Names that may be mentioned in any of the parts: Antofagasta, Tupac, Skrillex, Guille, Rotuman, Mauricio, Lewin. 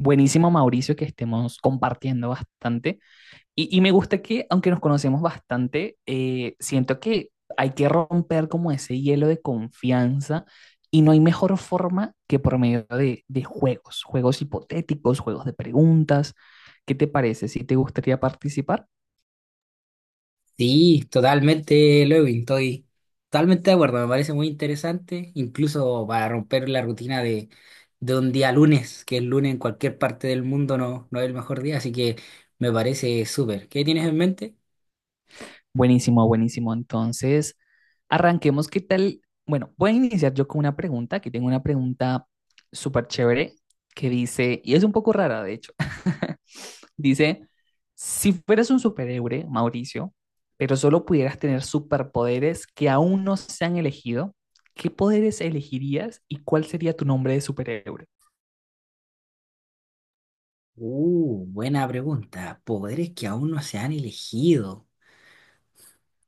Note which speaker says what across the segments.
Speaker 1: Buenísimo, Mauricio, que estemos compartiendo bastante. Y me gusta que, aunque nos conocemos bastante, siento que hay que romper como ese hielo de confianza y no hay mejor forma que por medio de juegos, juegos hipotéticos, juegos de preguntas. ¿Qué te parece? ¿Si te gustaría participar?
Speaker 2: Sí, totalmente, Lewin, estoy totalmente de acuerdo, me parece muy interesante, incluso para romper la rutina de un día lunes, que el lunes en cualquier parte del mundo no es el mejor día, así que me parece súper. ¿Qué tienes en mente?
Speaker 1: Buenísimo, buenísimo. Entonces, arranquemos. ¿Qué tal? Bueno, voy a iniciar yo con una pregunta. Aquí tengo una pregunta súper chévere que dice, y es un poco rara, de hecho. Dice, si fueras un superhéroe, Mauricio, pero solo pudieras tener superpoderes que aún no se han elegido, ¿qué poderes elegirías y cuál sería tu nombre de superhéroe?
Speaker 2: Buena pregunta. Poderes que aún no se han elegido.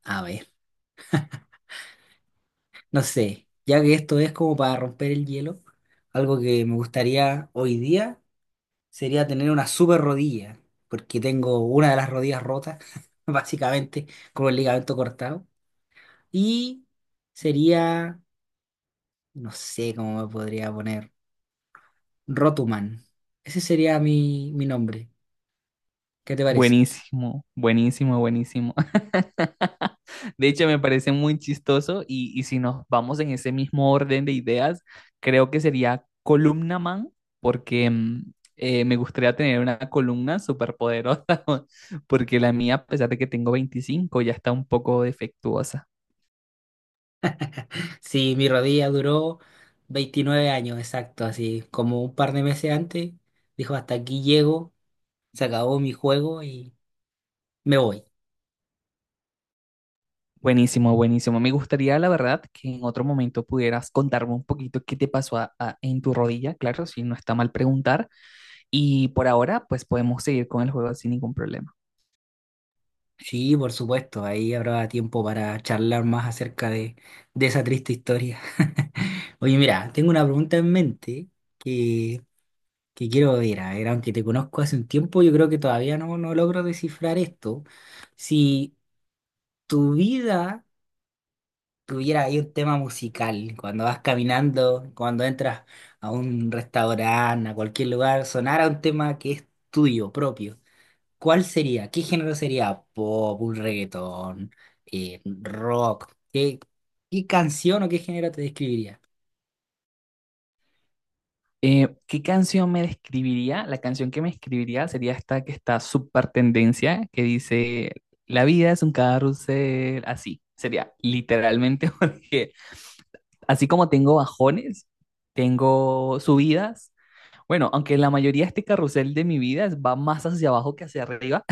Speaker 2: A ver, no sé, ya que esto es como para romper el hielo, algo que me gustaría hoy día sería tener una super rodilla, porque tengo una de las rodillas rotas, básicamente, con el ligamento cortado. Y sería, no sé cómo me podría poner, Rotuman. Ese sería mi nombre. ¿Qué te parece?
Speaker 1: Buenísimo, buenísimo, buenísimo. De hecho, me parece muy chistoso y si nos vamos en ese mismo orden de ideas, creo que sería columna man, porque me gustaría tener una columna súper poderosa, porque la mía, a pesar de que tengo 25, ya está un poco defectuosa.
Speaker 2: Sí, mi rodilla duró 29 años, exacto, así como un par de meses antes, dijo, hasta aquí llego, se acabó mi juego y me voy.
Speaker 1: Buenísimo, buenísimo. Me gustaría, la verdad, que en otro momento pudieras contarme un poquito qué te pasó en tu rodilla, claro, si no está mal preguntar. Y por ahora, pues podemos seguir con el juego sin ningún problema.
Speaker 2: Sí, por supuesto, ahí habrá tiempo para charlar más acerca de esa triste historia. Oye, mira, tengo una pregunta en mente que, que quiero ver, a ver, aunque te conozco hace un tiempo, yo creo que todavía no logro descifrar esto. Si tu vida tuviera ahí un tema musical, cuando vas caminando, cuando entras a un restaurante, a cualquier lugar, sonara un tema que es tuyo, propio. ¿Cuál sería? ¿Qué género sería? Pop, un reggaetón, rock. ¿Qué canción o qué género te describiría?
Speaker 1: ¿qué canción me describiría? La canción que me escribiría sería esta que está súper tendencia, que dice, la vida es un carrusel, así. Sería literalmente porque así como tengo bajones, tengo subidas. Bueno, aunque la mayoría de este carrusel de mi vida va más hacia abajo que hacia arriba,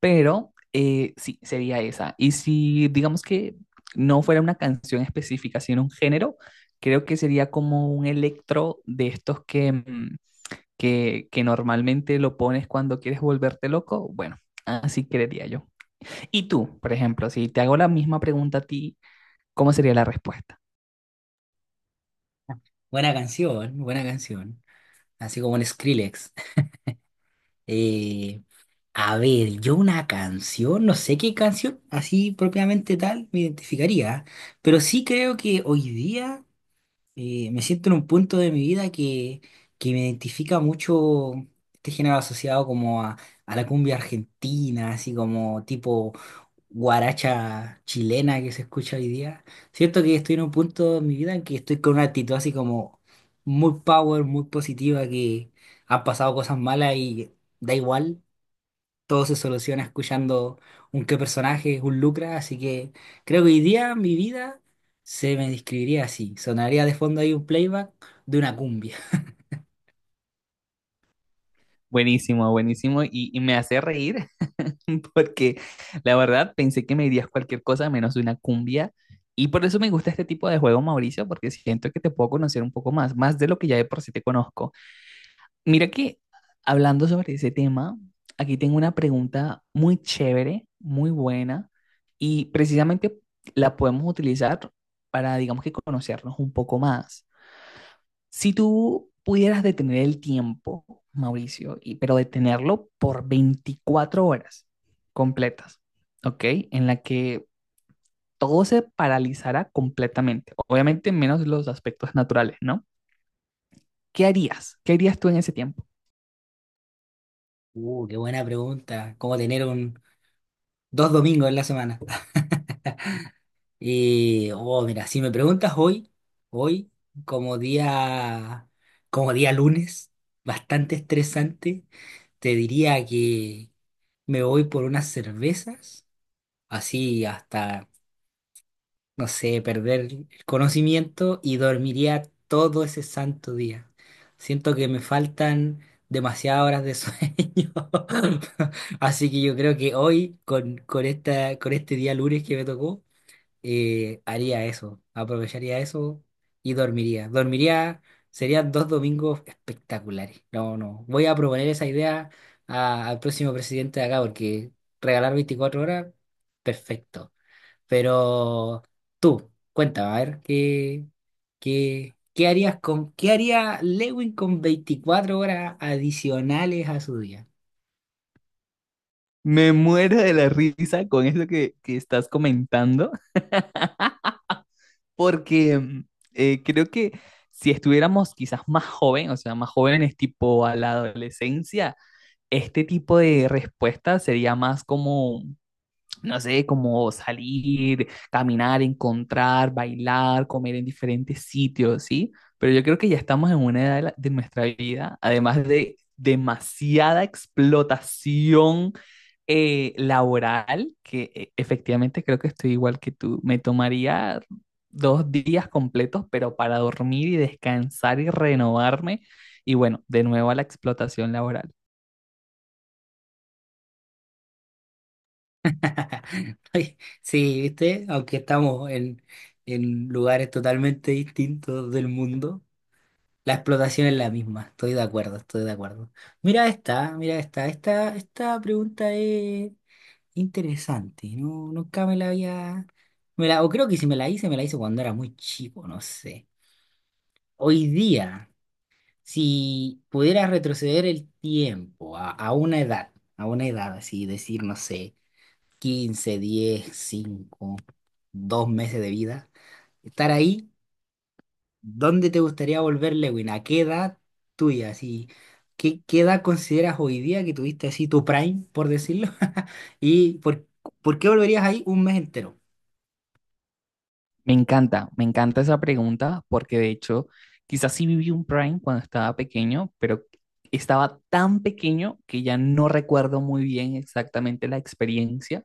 Speaker 1: pero sí, sería esa. Y si digamos que no fuera una canción específica, sino un género, creo que sería como un electro de estos que, que normalmente lo pones cuando quieres volverte loco. Bueno, así creería yo. Y tú, por ejemplo, si te hago la misma pregunta a ti, ¿cómo sería la respuesta?
Speaker 2: Buena canción, buena canción. Así como un Skrillex. Eh, a ver, yo una canción, no sé qué canción, así propiamente tal, me identificaría. Pero sí creo que hoy día, me siento en un punto de mi vida que me identifica mucho este género asociado como a la cumbia argentina, así como tipo guaracha chilena que se escucha hoy día. Siento que estoy en un punto de mi vida en que estoy con una actitud así como muy power, muy positiva, que han pasado cosas malas y da igual, todo se soluciona escuchando un qué personaje, un Lucra, así que creo que hoy día mi vida se me describiría así. Sonaría de fondo ahí un playback de una cumbia.
Speaker 1: Buenísimo, buenísimo. Y me hace reír porque la verdad pensé que me dirías cualquier cosa menos una cumbia. Y por eso me gusta este tipo de juego, Mauricio, porque siento que te puedo conocer un poco más, más de lo que ya de por sí te conozco. Mira que hablando sobre ese tema, aquí tengo una pregunta muy chévere, muy buena, y precisamente la podemos utilizar para, digamos que, conocernos un poco más. Si tú pudieras detener el tiempo, Mauricio, y, pero detenerlo por 24 horas completas, ¿ok? En la que todo se paralizara completamente, obviamente menos los aspectos naturales, ¿no? ¿Qué harías? ¿Qué harías tú en ese tiempo?
Speaker 2: Qué buena pregunta. ¿Cómo tener un dos domingos en la semana? Y, oh, mira, si me preguntas hoy, como día, como día lunes, bastante estresante, te diría que me voy por unas cervezas, así hasta, no sé, perder el conocimiento y dormiría todo ese santo día. Siento que me faltan demasiadas horas de sueño. Así que yo creo que hoy, con este día lunes que me tocó, haría eso, aprovecharía eso y dormiría. Dormiría, serían dos domingos espectaculares. No, no, voy a proponer esa idea al próximo presidente de acá porque regalar 24 horas, perfecto. Pero tú, cuéntame, a ver, ¿qué qué haría Lewin con 24 horas adicionales a su día?
Speaker 1: Me muero de la risa con eso que estás comentando, porque creo que si estuviéramos quizás más jóvenes, o sea, más jóvenes tipo a la adolescencia, este tipo de respuesta sería más como, no sé, como salir, caminar, encontrar, bailar, comer en diferentes sitios, ¿sí? Pero yo creo que ya estamos en una edad de, de nuestra vida, además de demasiada explotación laboral, que efectivamente creo que estoy igual que tú. Me tomaría dos días completos, pero para dormir y descansar y renovarme. Y bueno, de nuevo a la explotación laboral.
Speaker 2: Ay, sí, viste, aunque estamos en lugares totalmente distintos del mundo, la explotación es la misma. Estoy de acuerdo, estoy de acuerdo. Mira esta pregunta es interesante. No, nunca me la había, o creo que si me la hice, me la hice cuando era muy chico, no sé. Hoy día, si pudieras retroceder el tiempo a una edad así, decir, no sé, 15, 10, cinco, 2 meses de vida, estar ahí, ¿dónde te gustaría volver, Lewin? ¿A qué edad tuya? Así, ¿qué edad consideras hoy día que tuviste así tu prime, por decirlo? ¿Y por qué volverías ahí un mes entero?
Speaker 1: Me encanta esa pregunta porque de hecho quizás sí viví un Prime cuando estaba pequeño, pero estaba tan pequeño que ya no recuerdo muy bien exactamente la experiencia.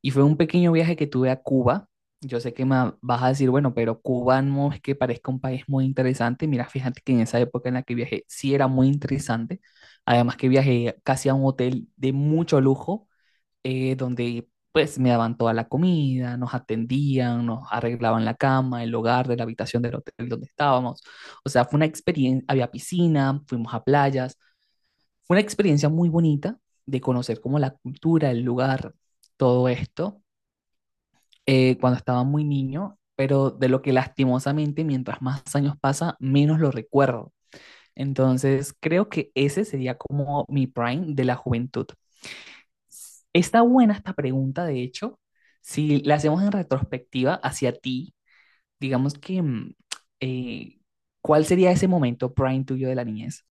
Speaker 1: Y fue un pequeño viaje que tuve a Cuba. Yo sé que me vas a decir, bueno, pero Cuba no es que parezca un país muy interesante. Mira, fíjate que en esa época en la que viajé sí era muy interesante. Además que viajé casi a un hotel de mucho lujo, donde pues me daban toda la comida, nos atendían, nos arreglaban la cama, el hogar de la habitación del hotel donde estábamos. O sea, fue una experiencia, había piscina, fuimos a playas, fue una experiencia muy bonita de conocer como la cultura, el lugar, todo esto, cuando estaba muy niño, pero de lo que lastimosamente mientras más años pasa, menos lo recuerdo. Entonces, creo que ese sería como mi prime de la juventud. Está buena esta pregunta, de hecho, si la hacemos en retrospectiva hacia ti, digamos que, eh, ¿cuál sería ese momento prime tuyo de la niñez?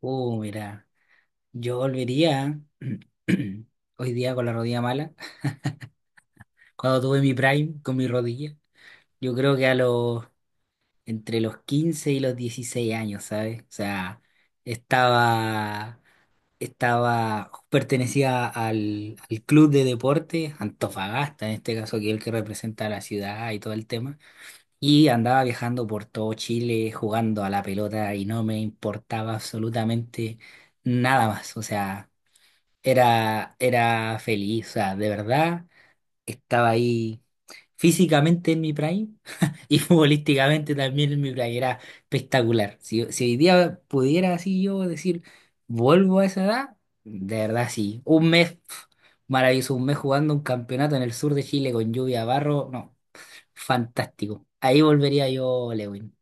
Speaker 2: Oh, mira, yo volvería hoy día con la rodilla mala, cuando tuve mi prime con mi rodilla, yo creo que entre los 15 y los 16 años, ¿sabes? O sea, estaba... estaba, pertenecía al club de deportes Antofagasta, en este caso, que es el que representa a la ciudad y todo el tema, y andaba viajando por todo Chile jugando a la pelota y no me importaba absolutamente nada más, o sea, era feliz, o sea, de verdad, estaba ahí físicamente en mi prime, y futbolísticamente también en mi playera espectacular. Si hoy día pudiera así yo decir, vuelvo a esa edad, de verdad sí. Un mes, maravilloso, un mes jugando un campeonato en el sur de Chile con lluvia, barro, no, fantástico. Ahí volvería yo, Lewin.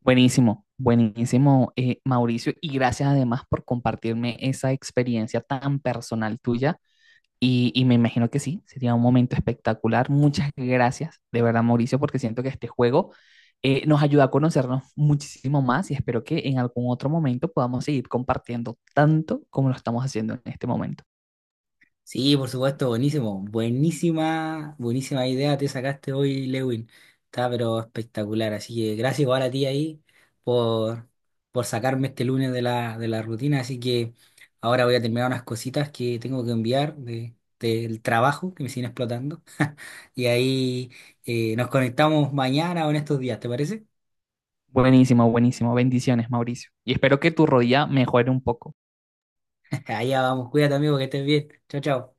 Speaker 1: Buenísimo, buenísimo, Mauricio, y gracias además por compartirme esa experiencia tan personal tuya. Y me imagino que sí, sería un momento espectacular. Muchas gracias, de verdad, Mauricio, porque siento que este juego nos ayuda a conocernos muchísimo más y espero que en algún otro momento podamos seguir compartiendo tanto como lo estamos haciendo en este momento.
Speaker 2: Sí, por supuesto, buenísimo. Buenísima, buenísima idea te sacaste hoy, Lewin. Está pero espectacular. Así que gracias igual a ti ahí por, por sacarme este lunes de la rutina. Así que ahora voy a terminar unas cositas que tengo que enviar del trabajo que me siguen explotando. Y ahí nos conectamos mañana o en estos días, ¿te parece?
Speaker 1: Buenísimo, buenísimo. Bendiciones, Mauricio. Y espero que tu rodilla mejore un poco.
Speaker 2: Allá vamos, cuídate amigo, que estés bien. Chao, chao.